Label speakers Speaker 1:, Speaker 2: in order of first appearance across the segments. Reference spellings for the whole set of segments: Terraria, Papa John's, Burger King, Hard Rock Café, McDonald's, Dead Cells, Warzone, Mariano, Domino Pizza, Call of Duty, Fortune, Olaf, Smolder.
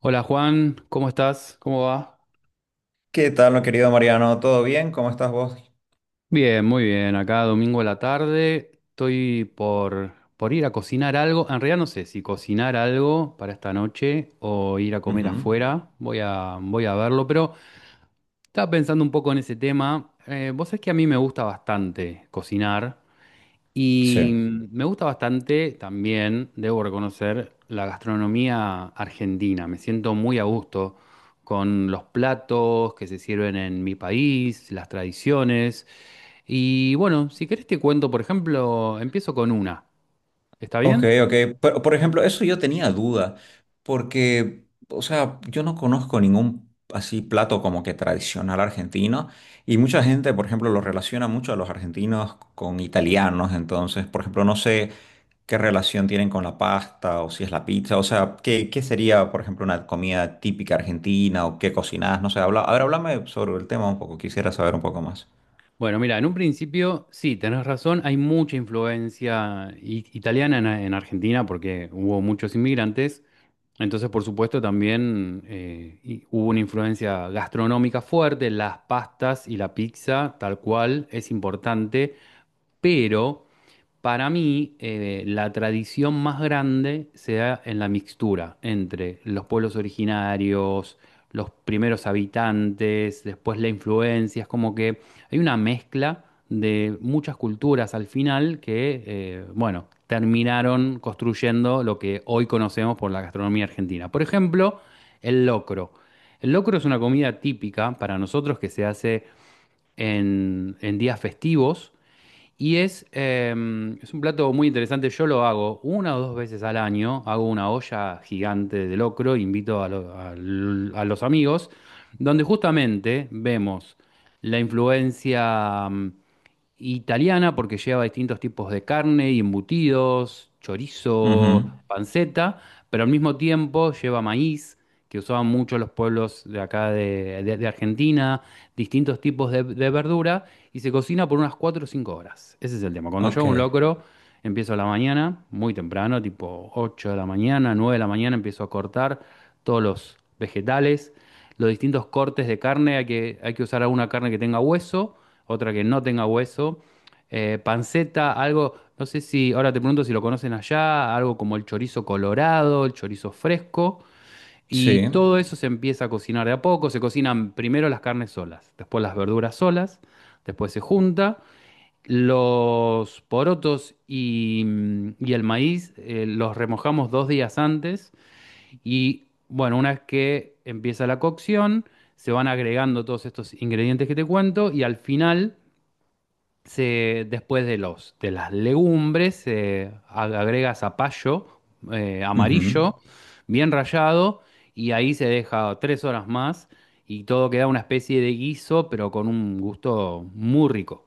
Speaker 1: Hola Juan, ¿cómo estás? ¿Cómo va?
Speaker 2: ¿Qué tal, mi querido Mariano? ¿Todo bien? ¿Cómo estás vos?
Speaker 1: Bien, muy bien. Acá domingo a la tarde estoy por ir a cocinar algo. En realidad no sé si cocinar algo para esta noche o ir a comer
Speaker 2: Ujú.
Speaker 1: afuera. Voy a verlo, pero estaba pensando un poco en ese tema. Vos sabés que a mí me gusta bastante cocinar. Y
Speaker 2: Sí.
Speaker 1: me gusta bastante también, debo reconocer, la gastronomía argentina. Me siento muy a gusto con los platos que se sirven en mi país, las tradiciones. Y bueno, si querés te cuento, por ejemplo, empiezo con una. ¿Está
Speaker 2: Ok,
Speaker 1: bien?
Speaker 2: ok. Pero, por ejemplo, eso yo tenía duda, porque, o sea, yo no conozco ningún así plato como que tradicional argentino, y mucha gente, por ejemplo, lo relaciona mucho a los argentinos con italianos, entonces, por ejemplo, no sé qué relación tienen con la pasta o si es la pizza, o sea, qué, qué sería, por ejemplo, una comida típica argentina o qué cocinás, no sé, habla, a ver, háblame sobre el tema un poco, quisiera saber un poco más.
Speaker 1: Bueno, mira, en un principio, sí, tenés razón, hay mucha influencia italiana en Argentina porque hubo muchos inmigrantes. Entonces, por supuesto, también hubo una influencia gastronómica fuerte, las pastas y la pizza, tal cual, es importante, pero para mí, la tradición más grande se da en la mixtura entre los pueblos originarios, los primeros habitantes, después la influencia. Es como que hay una mezcla de muchas culturas al final que, bueno, terminaron construyendo lo que hoy conocemos por la gastronomía argentina. Por ejemplo, el locro. El locro es una comida típica para nosotros que se hace en días festivos y es un plato muy interesante. Yo lo hago una o dos veces al año. Hago una olla gigante de locro, invito a, lo- a l- a los amigos, donde justamente vemos la influencia italiana porque lleva distintos tipos de carne y embutidos, chorizo, panceta, pero al mismo tiempo lleva maíz, que usaban mucho los pueblos de acá de Argentina, distintos tipos de verdura, y se cocina por unas 4 o 5 horas. Ese es el tema. Cuando yo
Speaker 2: Ok,
Speaker 1: hago un locro, empiezo a la mañana, muy temprano, tipo 8 de la mañana, 9 de la mañana, empiezo a cortar todos los vegetales, los distintos cortes de carne, hay que usar alguna carne que tenga hueso, otra que no tenga hueso. Panceta, algo, no sé si, ahora te pregunto si lo conocen allá, algo como el chorizo colorado, el chorizo fresco, y
Speaker 2: sí.
Speaker 1: todo eso se empieza a cocinar de a poco. Se cocinan primero las carnes solas, después las verduras solas, después se junta. Los porotos y el maíz los remojamos 2 días antes y bueno, una vez que empieza la cocción, se van agregando todos estos ingredientes que te cuento y al final se, después de los, de las legumbres, se agrega zapallo amarillo, bien rallado, y ahí se deja 3 horas más y todo queda una especie de guiso, pero con un gusto muy rico.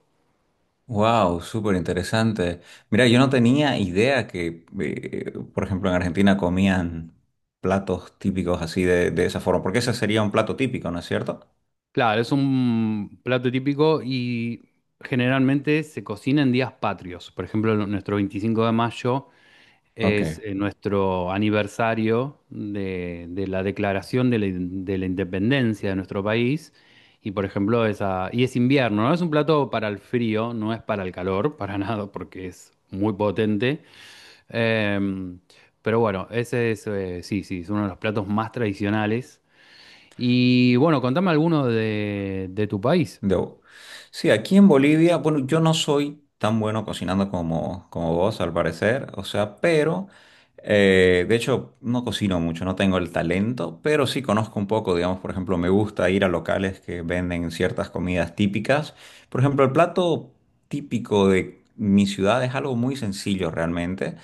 Speaker 2: Wow, súper interesante. Mira, yo no tenía idea que, por ejemplo, en Argentina comían platos típicos así de esa forma, porque ese sería un plato típico, ¿no es cierto?
Speaker 1: Claro, es un plato típico y generalmente se cocina en días patrios. Por ejemplo, nuestro 25 de mayo.
Speaker 2: Ok.
Speaker 1: Es nuestro aniversario de la declaración de la independencia de nuestro país. Y por ejemplo, esa, y es invierno, ¿no? Es un plato para el frío, no es para el calor, para nada, porque es muy potente. Em, pero bueno, ese es, sí, sí, es uno de los platos más tradicionales. Y bueno, contame alguno de tu país.
Speaker 2: Debo. Sí, aquí en Bolivia, bueno, yo no soy tan bueno cocinando como, como vos, al parecer, o sea, pero, de hecho, no cocino mucho, no tengo el talento, pero sí conozco un poco, digamos, por ejemplo, me gusta ir a locales que venden ciertas comidas típicas. Por ejemplo, el plato típico de mi ciudad es algo muy sencillo realmente.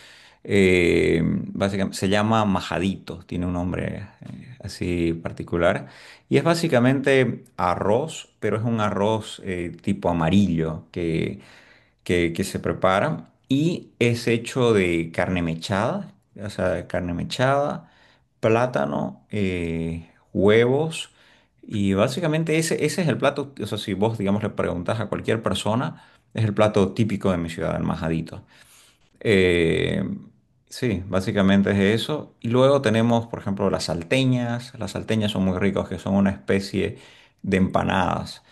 Speaker 2: Básicamente se llama majadito, tiene un nombre así particular. Y es básicamente arroz, pero es un arroz tipo amarillo que, que se prepara y es hecho de carne mechada, o sea, de carne mechada, plátano, huevos y básicamente ese, ese es el plato, o sea, si vos, digamos, le preguntas a cualquier persona, es el plato típico de mi ciudad, el majadito. Eh, sí, básicamente es eso. Y luego tenemos, por ejemplo, las salteñas. Las salteñas son muy ricas, que son una especie de empanadas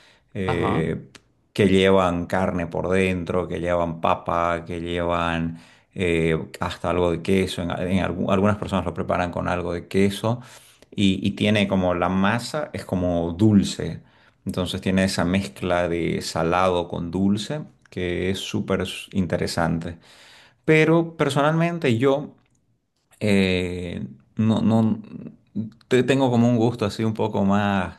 Speaker 1: Ajá.
Speaker 2: eh, que llevan carne por dentro, que llevan papa, que llevan hasta algo de queso. En algunas personas lo preparan con algo de queso y tiene como la masa, es como dulce. Entonces tiene esa mezcla de salado con dulce que es súper interesante. Pero personalmente yo eh, no, tengo como un gusto así un poco más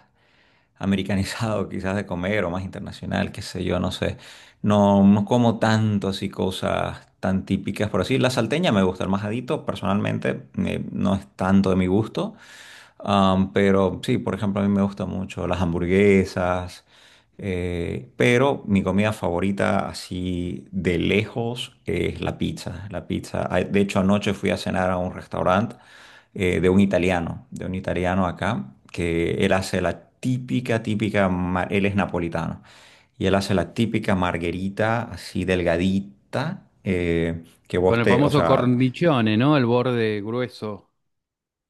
Speaker 2: americanizado quizás de comer o más internacional, qué sé yo, no sé. No, no como tanto así cosas tan típicas por así. La salteña me gusta, el majadito personalmente no es tanto de mi gusto. Am, pero sí, por ejemplo, a mí me gustan mucho las hamburguesas, pero mi comida favorita así de lejos es la pizza. La pizza. Ah, de hecho, anoche fui a cenar a un restaurante de un italiano acá, que él hace la típica, típica, él es napolitano, y él hace la típica marguerita así delgadita, que
Speaker 1: Con
Speaker 2: vos
Speaker 1: el
Speaker 2: te, o
Speaker 1: famoso
Speaker 2: sea...
Speaker 1: cornichone, ¿no? El borde grueso.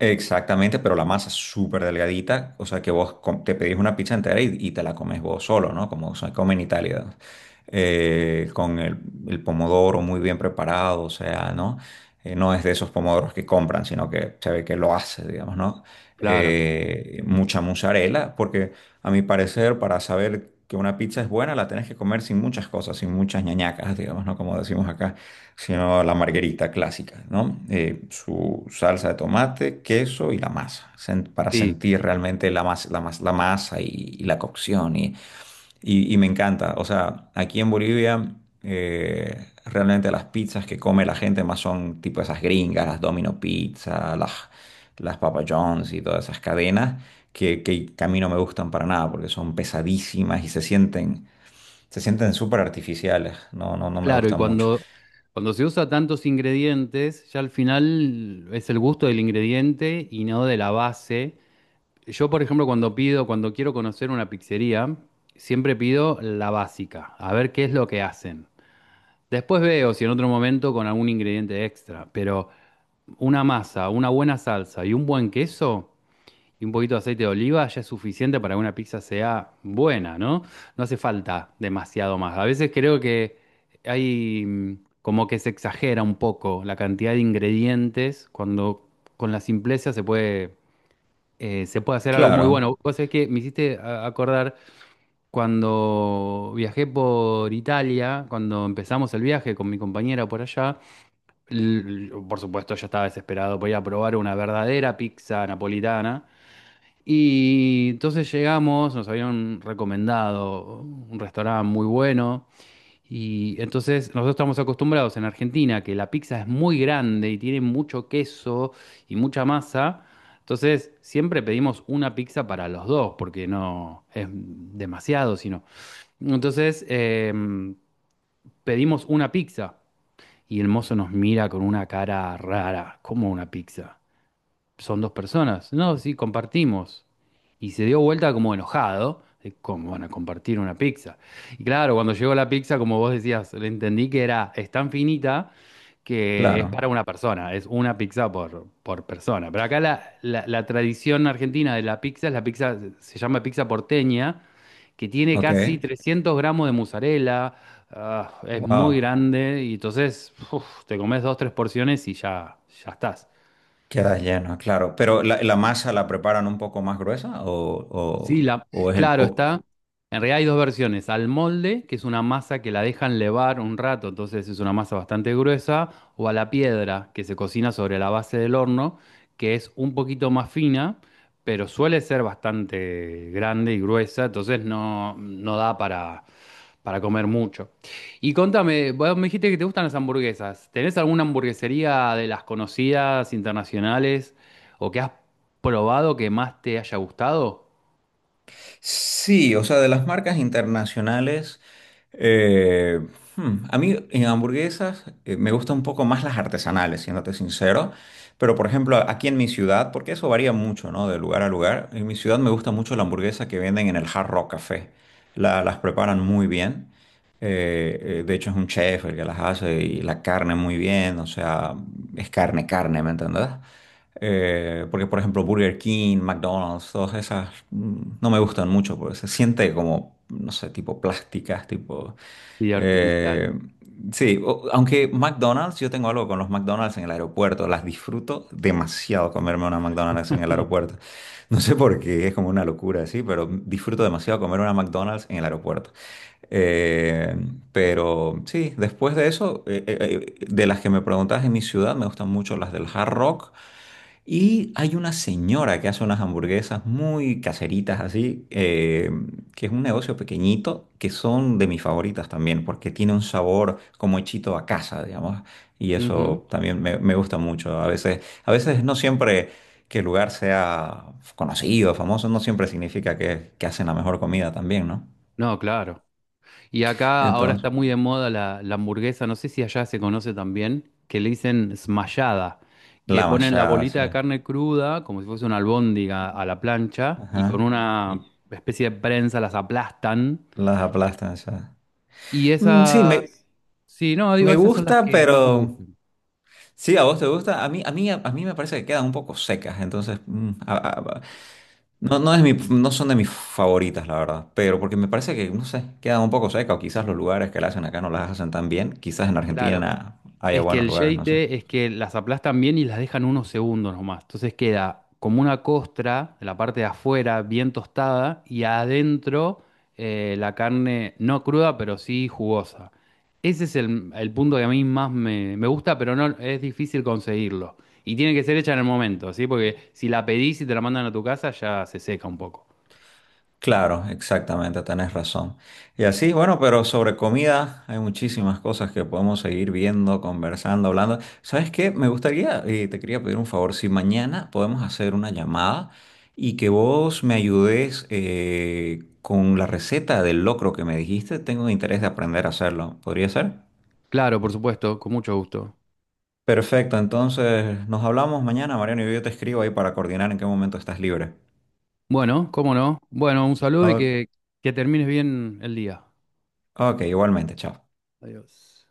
Speaker 2: Exactamente, pero la masa es súper delgadita, o sea que vos te pedís una pizza entera y te la comes vos solo, ¿no? Como se come en Italia, con el pomodoro muy bien preparado, o sea, ¿no? No es de esos pomodoros que compran, sino que se ve que lo hace, digamos, ¿no?
Speaker 1: Claro.
Speaker 2: Mucha mozzarella, porque a mi parecer, para saber que una pizza es buena, la tenés que comer sin muchas cosas, sin muchas ñañacas, digamos, ¿no? Como decimos acá sino la margarita clásica, ¿no? Su salsa de tomate, queso y la masa, para
Speaker 1: Sí.
Speaker 2: sentir realmente la, la masa y la cocción. Y, y me encanta, o sea, aquí en Bolivia, realmente las pizzas que come la gente más son tipo esas gringas, las Domino Pizza, las Papa John's y todas esas cadenas. Que a mí no me gustan para nada porque son pesadísimas y se sienten súper artificiales, no, no, no me
Speaker 1: Claro, y
Speaker 2: gustan mucho.
Speaker 1: cuando se usa tantos ingredientes, ya al final es el gusto del ingrediente y no de la base. Yo, por ejemplo, cuando quiero conocer una pizzería, siempre pido la básica, a ver qué es lo que hacen. Después veo si en otro momento con algún ingrediente extra, pero una masa, una buena salsa y un buen queso y un poquito de aceite de oliva ya es suficiente para que una pizza sea buena, ¿no? No hace falta demasiado más. A veces creo que hay como que se exagera un poco la cantidad de ingredientes cuando con la simpleza se puede hacer algo muy bueno.
Speaker 2: Claro,
Speaker 1: Vos sabés que me hiciste acordar cuando viajé por Italia, cuando empezamos el viaje con mi compañera por allá, l- por supuesto yo estaba desesperado por ir a probar una verdadera pizza napolitana. Y entonces llegamos, nos habían recomendado un restaurante muy bueno. Y entonces nosotros estamos acostumbrados en Argentina que la pizza es muy grande y tiene mucho queso y mucha masa. Entonces siempre pedimos una pizza para los dos porque no es demasiado, sino. Entonces pedimos una pizza y el mozo nos mira con una cara rara, como una pizza son dos personas. No, sí, compartimos. Y se dio vuelta como enojado, de cómo van a compartir una pizza. Y claro, cuando llegó la pizza, como vos decías, le entendí que era, es tan finita que es
Speaker 2: claro,
Speaker 1: para una persona, es una pizza por persona. Pero acá la tradición argentina de la pizza es la pizza, se llama pizza porteña, que tiene
Speaker 2: ok,
Speaker 1: casi 300 gramos de mozzarella, ah, es muy
Speaker 2: wow,
Speaker 1: grande y entonces uf, te comes dos, tres porciones y ya, ya estás.
Speaker 2: queda lleno, claro. Pero la masa la preparan un poco más gruesa
Speaker 1: Sí,
Speaker 2: o es el...
Speaker 1: claro,
Speaker 2: o-
Speaker 1: está. En realidad hay dos versiones. Al molde, que es una masa que la dejan levar un rato, entonces es una masa bastante gruesa, o a la piedra, que se cocina sobre la base del horno, que es un poquito más fina, pero suele ser bastante grande y gruesa, entonces no, no da para comer mucho. Y contame, vos me dijiste que te gustan las hamburguesas. ¿Tenés alguna hamburguesería de las conocidas internacionales o que has probado que más te haya gustado?
Speaker 2: Sí, o sea, de las marcas internacionales, eh, a mí en hamburguesas me gustan un poco más las artesanales, siéndote sincero, pero por ejemplo aquí en mi ciudad, porque eso varía mucho, ¿no? De lugar a lugar, en mi ciudad me gusta mucho la hamburguesa que venden en el Hard Rock Café. Las preparan muy bien, de hecho es un chef el que las hace y la carne muy bien, o sea, es carne, carne, ¿me entendés? Porque, por ejemplo, Burger King, McDonald's, todas esas no me gustan mucho porque se siente como, no sé, tipo plásticas, tipo...
Speaker 1: Y artificial.
Speaker 2: eh, sí, o- aunque McDonald's, yo tengo algo con los McDonald's en el aeropuerto, las disfruto demasiado comerme una McDonald's en el aeropuerto. No sé por qué, es como una locura, sí, pero disfruto demasiado comer una McDonald's en el aeropuerto. Eh, pero sí, después de eso, de las que me preguntabas en mi ciudad, me gustan mucho las del Hard Rock. Y hay una señora que hace unas hamburguesas muy caseritas así, que es un negocio pequeñito, que son de mis favoritas también, porque tiene un sabor como hechito a casa, digamos. Y
Speaker 1: Ujú.
Speaker 2: eso también me gusta mucho. A veces no siempre que el lugar sea conocido, famoso, no siempre significa que hacen la mejor comida también, ¿no?
Speaker 1: No, claro. Y acá ahora
Speaker 2: Entonces,
Speaker 1: está muy de moda la hamburguesa, no sé si allá se conoce también, que le dicen smashada, que
Speaker 2: la
Speaker 1: ponen la
Speaker 2: machada, sí.
Speaker 1: bolita de carne cruda, como si fuese una albóndiga a la plancha, y con
Speaker 2: Ajá.
Speaker 1: una
Speaker 2: Y
Speaker 1: especie de prensa las aplastan.
Speaker 2: las aplastan, o
Speaker 1: Y
Speaker 2: mm, sí, me,
Speaker 1: esas, sí, no, digo,
Speaker 2: me
Speaker 1: esas son las
Speaker 2: gusta,
Speaker 1: que más me
Speaker 2: pero...
Speaker 1: gustan.
Speaker 2: Sí, a vos te gusta. A mí, a mí, a, mí me parece que quedan un poco secas. Entonces, no, no es mi, no son de mis favoritas, la verdad. Pero porque me parece que, no sé, quedan un poco secas. O quizás los lugares que la hacen acá no las hacen tan bien. Quizás en
Speaker 1: Claro.
Speaker 2: Argentina haya
Speaker 1: Es que
Speaker 2: buenos
Speaker 1: el
Speaker 2: lugares, no sé.
Speaker 1: yeite es que las aplastan bien y las dejan unos segundos nomás. Entonces queda como una costra de la parte de afuera bien tostada y adentro la carne no cruda, pero sí jugosa. Ese es el punto que a mí más me gusta, pero no es difícil conseguirlo. Y tiene que ser hecha en el momento, ¿sí? Porque si la pedís y te la mandan a tu casa, ya se seca un poco.
Speaker 2: Claro, exactamente, tenés razón. Y así, bueno, pero sobre comida hay muchísimas cosas que podemos seguir viendo, conversando, hablando. ¿Sabes qué? Me gustaría, y te quería pedir un favor, si mañana podemos hacer una llamada y que vos me ayudes con la receta del locro que me dijiste, tengo interés de aprender a hacerlo. ¿Podría ser?
Speaker 1: Claro, por supuesto, con mucho gusto.
Speaker 2: Perfecto, entonces nos hablamos mañana, Mariano, y yo te escribo ahí para coordinar en qué momento estás libre.
Speaker 1: Bueno, cómo no. Bueno, un saludo y
Speaker 2: O-
Speaker 1: que termines bien el día.
Speaker 2: ok, igualmente, chao.
Speaker 1: Adiós.